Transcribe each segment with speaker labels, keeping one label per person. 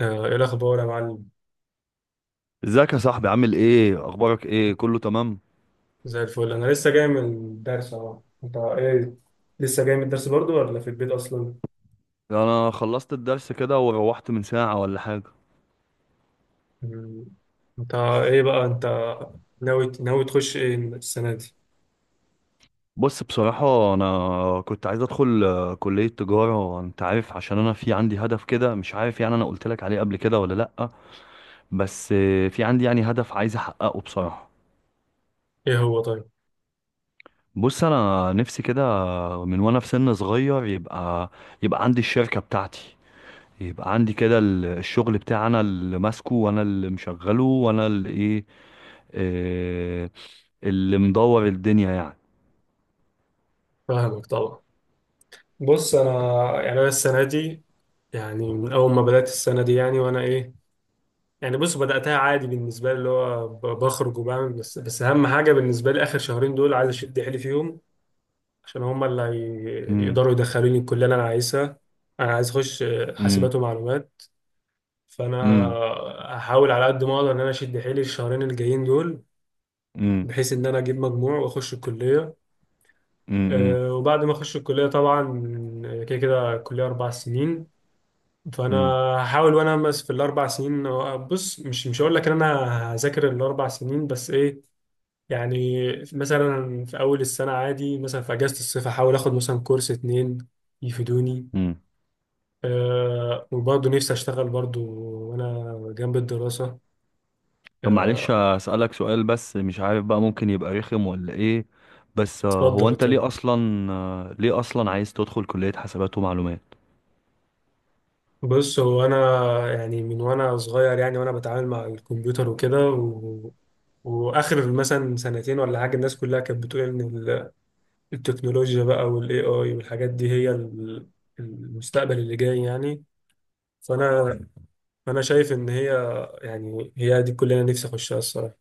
Speaker 1: ايه الاخبار يا معلم؟
Speaker 2: ازيك يا صاحبي؟ عامل ايه؟ اخبارك ايه؟ كله تمام؟
Speaker 1: زي الفل، انا لسه جاي من الدرس اهو. انت ايه؟ لسه جاي من الدرس برضو ولا في البيت اصلا؟
Speaker 2: انا خلصت الدرس كده وروحت من ساعة ولا حاجة.
Speaker 1: مم. انت ايه بقى انت، ناوي تخش ايه السنه دي؟
Speaker 2: بص، بصراحة انا كنت عايز ادخل كلية تجارة، انت عارف، عشان انا في عندي هدف كده. مش عارف يعني، انا قلت لك عليه قبل كده ولا لأ؟ بس في عندي يعني هدف عايز احققه بصراحة.
Speaker 1: ايه هو طيب؟
Speaker 2: بص، انا نفسي كده من وانا في سن صغير، يبقى يبقى عندي الشركة بتاعتي، يبقى عندي كده الشغل بتاعي، انا اللي ماسكه وانا اللي مشغله وانا اللي ايه، آه، اللي مدور الدنيا يعني.
Speaker 1: فاهمك طبعا. بص انا، يعني انا السنه دي، يعني من اول ما بدات السنه دي يعني وانا ايه، يعني بص بداتها عادي بالنسبه لي، اللي هو بخرج وبعمل، بس اهم حاجه بالنسبه لي اخر شهرين دول عايز اشد حيلي فيهم عشان هم
Speaker 2: امم.
Speaker 1: يقدروا يدخلوني الكلية اللي أنا عايزها. أنا عايز أخش
Speaker 2: امم.
Speaker 1: حاسبات ومعلومات. فأنا
Speaker 2: امم.
Speaker 1: هحاول على قد ما أقدر إن أنا أشد حيلي الشهرين الجايين دول
Speaker 2: امم.
Speaker 1: بحيث إن أنا أجيب مجموع وأخش الكلية.
Speaker 2: امم.
Speaker 1: وبعد ما أخش الكلية طبعا، كده كده الكلية أربع سنين. فأنا
Speaker 2: امم.
Speaker 1: هحاول وأنا أمس في الأربع سنين. بص، مش هقول لك إن أنا هذاكر الأربع سنين، بس إيه، يعني مثلا في أول السنة عادي، مثلا في أجازة الصيف هحاول آخد مثلا كورس اتنين يفيدوني.
Speaker 2: امم.
Speaker 1: وبرضه نفسي اشتغل برضه وانا جنب الدراسة.
Speaker 2: طب معلش،
Speaker 1: آه،
Speaker 2: أسألك سؤال، بس مش عارف بقى، ممكن يبقى رخم ولا ايه؟ بس هو
Speaker 1: اتفضل
Speaker 2: انت
Speaker 1: اتفضل.
Speaker 2: ليه اصلا، ليه اصلا عايز تدخل كلية حسابات ومعلومات؟
Speaker 1: بص هو انا، يعني من وانا صغير يعني وانا بتعامل مع الكمبيوتر وكده، واخر مثلا سنتين ولا حاجه الناس كلها كانت بتقول ان التكنولوجيا بقى والاي اي، والحاجات دي هي المستقبل اللي جاي يعني. فانا فانا شايف ان هي، يعني هي دي الكليه اللي نفسي اخشها الصراحه.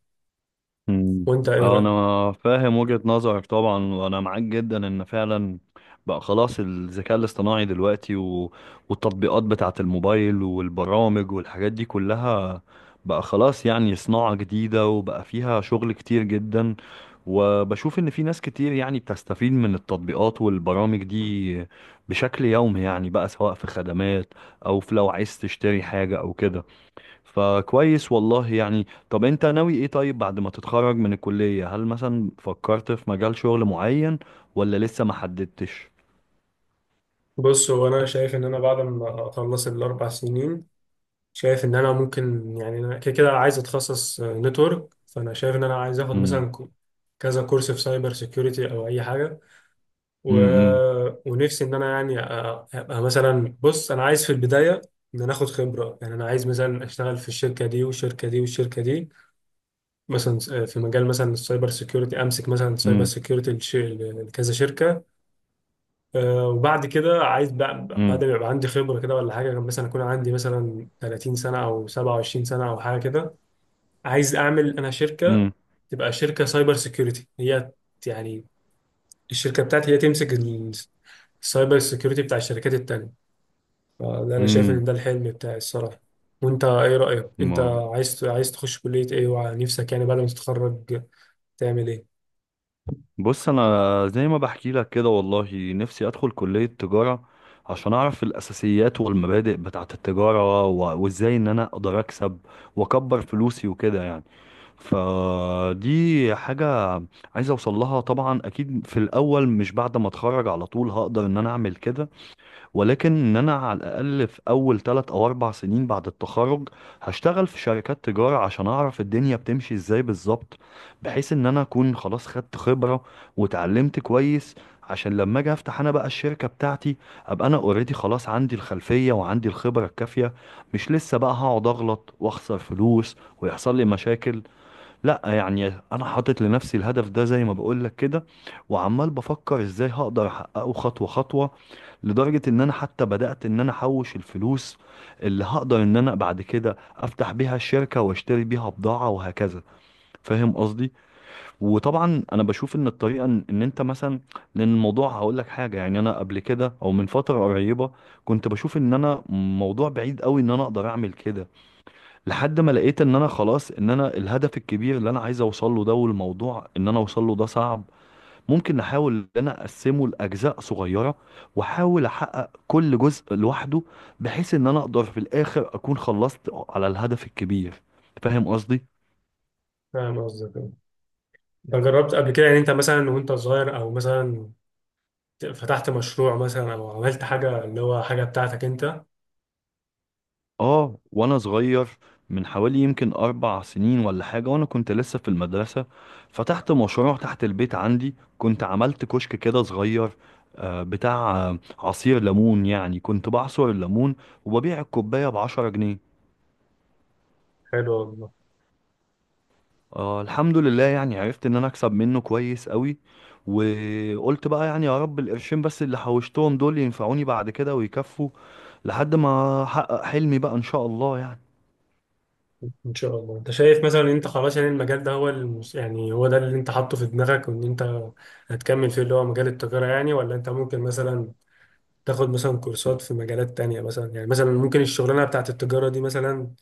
Speaker 2: مم.
Speaker 1: وانت ايه رايك؟
Speaker 2: انا فاهم وجهة نظرك طبعا، وانا معاك جدا، ان فعلا بقى خلاص الذكاء الاصطناعي دلوقتي والتطبيقات بتاعة الموبايل والبرامج والحاجات دي كلها بقى خلاص يعني صناعة جديدة، وبقى فيها شغل كتير جدا. وبشوف ان في ناس كتير يعني بتستفيد من التطبيقات والبرامج دي بشكل يومي يعني، بقى سواء في خدمات او في لو عايز تشتري حاجة او كده. فكويس والله يعني. طب انت ناوي ايه طيب بعد ما تتخرج من الكلية؟ هل مثلا فكرت في مجال شغل معين، ولا لسه ما حددتش؟
Speaker 1: بص هو انا شايف ان انا بعد ما اخلص الاربع سنين، شايف ان انا ممكن، يعني انا كده كده عايز اتخصص نتورك. فانا شايف ان انا عايز اخد
Speaker 2: امم.
Speaker 1: مثلا كذا كورس في سايبر سيكيورتي او اي حاجه، و...
Speaker 2: امم.
Speaker 1: ونفسي ان انا، يعني ابقى مثلا، بص انا عايز في البدايه ان انا اخد خبره، يعني انا عايز مثلا اشتغل في الشركه دي والشركه دي والشركه دي، مثلا في مجال مثلا السايبر سيكيورتي، امسك مثلا سايبر
Speaker 2: امم.
Speaker 1: سيكيورتي لكذا شركه. وبعد كده عايز بقى بعد
Speaker 2: امم.
Speaker 1: ما يبقى عندي خبره كده ولا حاجه، مثلا اكون عندي مثلا 30 سنه او 27 سنه او حاجه كده، عايز اعمل انا شركه،
Speaker 2: امم.
Speaker 1: تبقى شركه سايبر سيكيورتي هي، يعني الشركه بتاعتي هي تمسك السايبر سيكيورتي بتاع الشركات التانيه. فده انا شايف ان
Speaker 2: امم.
Speaker 1: ده الحلم بتاعي الصراحه. وانت ايه رايك انت؟
Speaker 2: ما
Speaker 1: عايز تخش كليه ايه؟ ونفسك يعني بعد ما تتخرج تعمل ايه؟
Speaker 2: بص انا زي ما بحكي لك كده، والله نفسي ادخل كلية تجارة عشان اعرف الاساسيات والمبادئ بتاعت التجارة وازاي ان انا اقدر اكسب واكبر فلوسي وكده يعني. فدي حاجة عايز اوصل لها طبعا. اكيد في الاول مش بعد ما اتخرج على طول هقدر ان انا اعمل كده، ولكن ان انا على الاقل في اول ثلاث او اربع سنين بعد التخرج هشتغل في شركات تجارة عشان اعرف الدنيا بتمشي ازاي بالظبط، بحيث ان انا اكون خلاص خدت خبرة وتعلمت كويس، عشان لما اجي افتح انا بقى الشركة بتاعتي ابقى انا اوريدي خلاص عندي الخلفية وعندي الخبرة الكافية، مش لسه بقى هقعد اغلط واخسر فلوس ويحصل لي مشاكل. لا يعني انا حاطط لنفسي الهدف ده زي ما بقولك كده، وعمال بفكر ازاي هقدر احققه خطوة خطوة. لدرجة ان انا حتى بدأت ان انا احوش الفلوس اللي هقدر ان انا بعد كده افتح بيها الشركة واشتري بيها بضاعة وهكذا. فاهم قصدي؟ وطبعا انا بشوف ان الطريقة ان انت مثلا، لان الموضوع هقولك حاجة يعني، انا قبل كده او من فترة قريبة كنت بشوف ان انا موضوع بعيد قوي ان انا اقدر اعمل كده، لحد ما لقيت ان انا خلاص، ان انا الهدف الكبير اللي انا عايز اوصل له ده، والموضوع ان انا اوصل له ده صعب، ممكن نحاول ان انا اقسمه لاجزاء صغيره واحاول احقق كل جزء لوحده، بحيث ان انا اقدر في الاخر اكون خلصت على الهدف الكبير. فاهم قصدي؟
Speaker 1: فاهم قصدك أه. انت جربت قبل كده يعني انت مثلا وانت صغير، او مثلا فتحت مشروع مثلا او عملت حاجه اللي هو حاجه بتاعتك انت؟
Speaker 2: اه، وانا صغير من حوالي يمكن اربع سنين ولا حاجة، وانا كنت لسه في المدرسة، فتحت مشروع تحت البيت عندي. كنت عملت كشك كده صغير، بتاع عصير ليمون يعني، كنت بعصر الليمون وببيع الكوباية بعشرة جنيه.
Speaker 1: حلو.
Speaker 2: آه، الحمد لله يعني، عرفت ان انا اكسب منه كويس قوي. وقلت بقى يعني، يا رب القرشين بس اللي حوشتهم دول ينفعوني بعد كده ويكفوا لحد ما احقق حلمي بقى ان شاء الله يعني.
Speaker 1: ان شاء الله. انت شايف مثلا ان انت خلاص، يعني المجال ده هو يعني هو ده اللي انت حاطه في دماغك، وان انت هتكمل فيه اللي هو مجال التجارة يعني؟ ولا انت ممكن مثلا تاخد مثلا كورسات في مجالات تانية مثلا؟ يعني مثلا ممكن الشغلانة بتاعت التجارة دي مثلا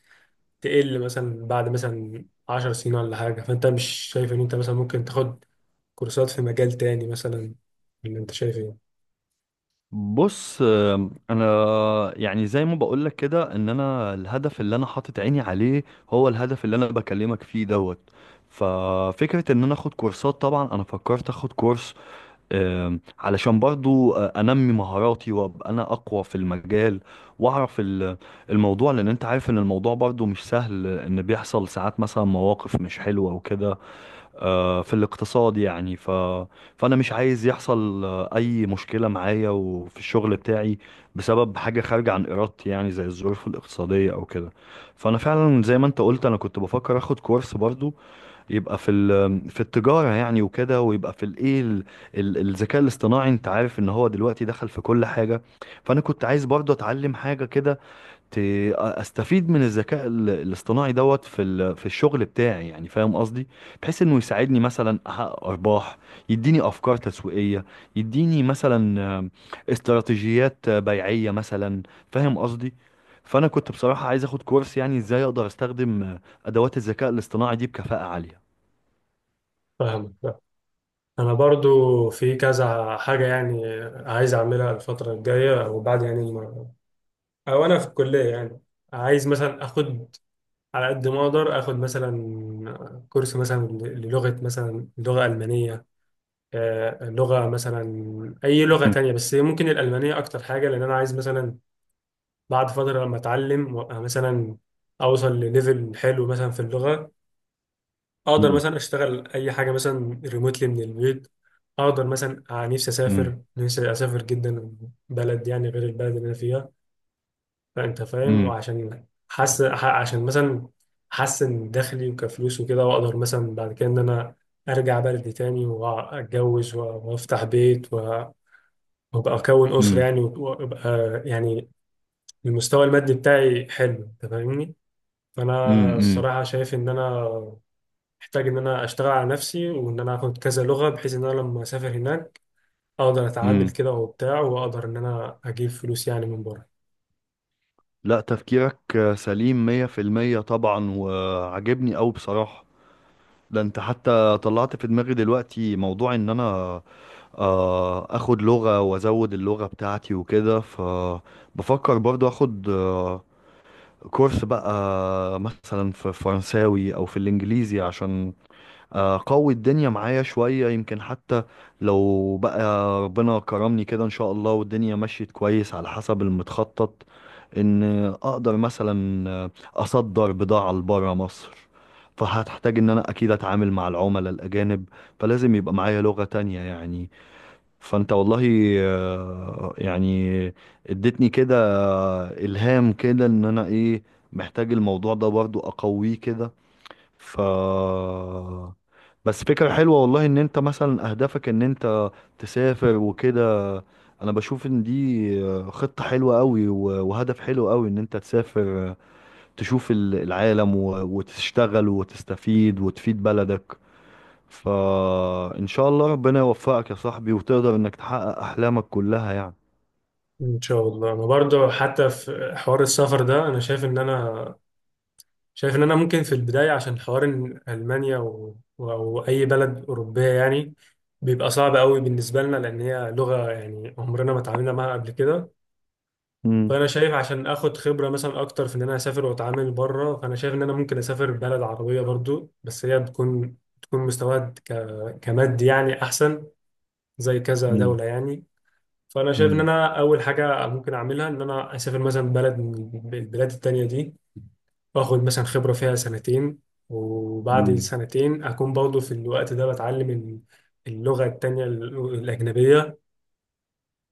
Speaker 1: تقل مثلا بعد مثلا 10 سنين ولا حاجة، فانت مش شايف ان انت مثلا ممكن تاخد كورسات في مجال تاني مثلا؟ اللي انت شايف ايه؟
Speaker 2: بص، انا يعني زي ما بقولك كده، ان انا الهدف اللي انا حاطط عيني عليه هو الهدف اللي انا بكلمك فيه دوت. ففكرة ان انا اخد كورسات، طبعا انا فكرت اخد كورس علشان برضو انمي مهاراتي وابقى انا اقوى في المجال، واعرف الموضوع. لان انت عارف ان الموضوع برضو مش سهل، ان بيحصل ساعات مثلا مواقف مش حلوة وكده في الاقتصاد يعني. فأنا مش عايز يحصل أي مشكلة معايا وفي الشغل بتاعي بسبب حاجة خارجة عن إرادتي، يعني زي الظروف الاقتصادية أو كده. فأنا فعلا زي ما أنت قلت، أنا كنت بفكر أخد كورس برضو يبقى في التجارة يعني وكده، ويبقى في الإيه، الذكاء الاصطناعي. أنت عارف إن هو دلوقتي دخل في كل حاجة، فأنا كنت عايز برضو أتعلم حاجة كده ت- استفيد من الذكاء الاصطناعي دوت في الشغل بتاعي يعني. فاهم قصدي؟ بحيث انه يساعدني مثلا احقق ارباح، يديني افكار تسويقيه، يديني مثلا استراتيجيات بيعيه مثلا. فاهم قصدي؟ فانا كنت بصراحه عايز اخد كورس يعني، ازاي اقدر استخدم ادوات الذكاء الاصطناعي دي بكفاءه عاليه.
Speaker 1: فاهمك لا. انا برضو في كذا حاجة يعني عايز اعملها الفترة الجاية، وبعد يعني او انا في الكليه يعني، عايز مثلا اخد على قد ما اقدر، اخد مثلا كورس مثلا للغه، مثلا لغه المانيه. لغه مثلا اي لغه
Speaker 2: مم.
Speaker 1: تانية، بس ممكن الالمانيه اكتر حاجه لان انا عايز مثلا بعد فتره لما اتعلم وأبقى مثلا اوصل لليفل حلو مثلا في اللغه، اقدر
Speaker 2: مم.
Speaker 1: مثلا اشتغل اي حاجه مثلا ريموتلي من البيت. اقدر مثلا، نفسي اسافر، نفسي اسافر جدا، بلد يعني غير البلد اللي انا فيها. فانت فاهم،
Speaker 2: مم.
Speaker 1: وعشان عشان مثلا احسن دخلي وكفلوس وكده، واقدر مثلا بعد كده ان انا ارجع بلدي تاني واتجوز وافتح بيت وابقى اكون اسره
Speaker 2: مم.
Speaker 1: يعني، وابقى يعني المستوى المادي بتاعي حلو. انت فاهمني؟
Speaker 2: مم.
Speaker 1: فانا
Speaker 2: مم.
Speaker 1: الصراحه شايف ان انا محتاج ان انا اشتغل على نفسي، وان انا اخد كذا لغه، بحيث ان انا لما اسافر هناك اقدر اتعامل
Speaker 2: مم.
Speaker 1: كده وبتاع، واقدر ان انا اجيب فلوس يعني من بره.
Speaker 2: لا، تفكيرك سليم 100% طبعا، وعجبني قوي بصراحه. ده انت حتى طلعت في دماغي دلوقتي موضوع ان انا اخد لغة وازود اللغة بتاعتي وكده. فبفكر برضو اخد كورس بقى مثلا في فرنساوي او في الانجليزي، عشان قوي الدنيا معايا شوية، يمكن حتى لو بقى ربنا كرمني كده ان شاء الله والدنيا مشيت كويس على حسب المتخطط، ان اقدر مثلا اصدر بضاعة لبرا مصر. فهتحتاج ان انا اكيد اتعامل مع العملاء الاجانب، فلازم يبقى معايا لغة تانية يعني. فانت والله يعني اديتني كده الهام كده، ان انا ايه، محتاج الموضوع ده برضو اقويه كده. ف بس فكرة حلوة والله، ان انت مثلا اهدافك ان انت تسافر وكده. انا بشوف ان دي خطة حلوة قوي، وهدف حلو قوي ان انت تسافر، تشوف العالم وتشتغل وتستفيد وتفيد بلدك. فان شاء الله ربنا يوفقك يا صاحبي، وتقدر انك تحقق احلامك كلها يعني.
Speaker 1: ان شاء الله. انا برضو حتى في حوار السفر ده، انا شايف ان انا، شايف ان انا ممكن في البدايه عشان حوار إن المانيا او اي بلد اوروبيه يعني، بيبقى صعب قوي بالنسبه لنا، لان هي لغه يعني عمرنا ما اتعاملنا معاها قبل كده.
Speaker 2: مم.
Speaker 1: فانا شايف عشان اخد خبره مثلا اكتر في ان انا اسافر واتعامل بره، فانا شايف ان انا ممكن اسافر بلد عربيه برضو، بس هي بتكون مستواها كمادي يعني احسن، زي كذا
Speaker 2: مم.
Speaker 1: دوله يعني. فانا شايف ان
Speaker 2: مم.
Speaker 1: انا اول حاجه ممكن اعملها ان انا اسافر مثلا بلد من البلاد التانية دي، واخد مثلا خبره فيها سنتين، وبعد
Speaker 2: مم.
Speaker 1: السنتين اكون برضه في الوقت ده بتعلم اللغه التانية الاجنبيه.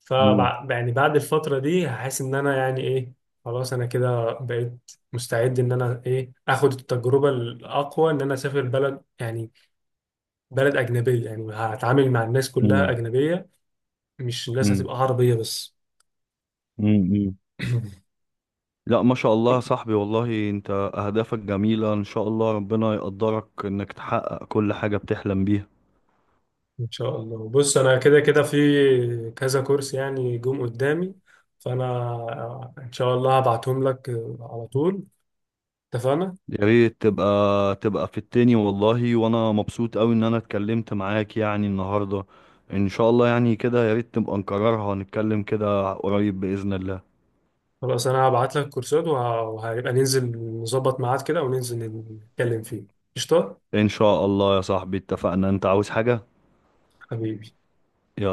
Speaker 1: ف
Speaker 2: مم.
Speaker 1: يعني بعد الفتره دي هحس ان انا يعني ايه، خلاص انا كده بقيت مستعد ان انا ايه اخد التجربه الاقوى، ان انا اسافر بلد، يعني بلد اجنبيه، يعني هتعامل مع الناس كلها
Speaker 2: مم.
Speaker 1: اجنبيه، مش الناس
Speaker 2: مم.
Speaker 1: هتبقى عربيه بس.
Speaker 2: مم. لا، ما شاء الله يا صاحبي، والله انت اهدافك جميلة. ان شاء الله ربنا يقدرك انك تحقق كل حاجة بتحلم بيها.
Speaker 1: ان شاء الله. بص انا كده كده في كذا كورس يعني جم قدامي، فانا ان شاء الله هبعتهم لك على طول. اتفقنا.
Speaker 2: يا ريت تبقى في التاني والله. وانا مبسوط اوي ان انا اتكلمت معاك يعني النهاردة. ان شاء الله يعني كده يا ريت نبقى نكررها، نتكلم كده قريب بإذن الله.
Speaker 1: خلاص، انا هبعت لك كورسات وهيبقى ننزل نظبط ميعاد كده وننزل نتكلم فيه. قشطه.
Speaker 2: ان شاء الله يا صاحبي. اتفقنا؟ انت عاوز حاجة؟
Speaker 1: حبيبي.
Speaker 2: يلا.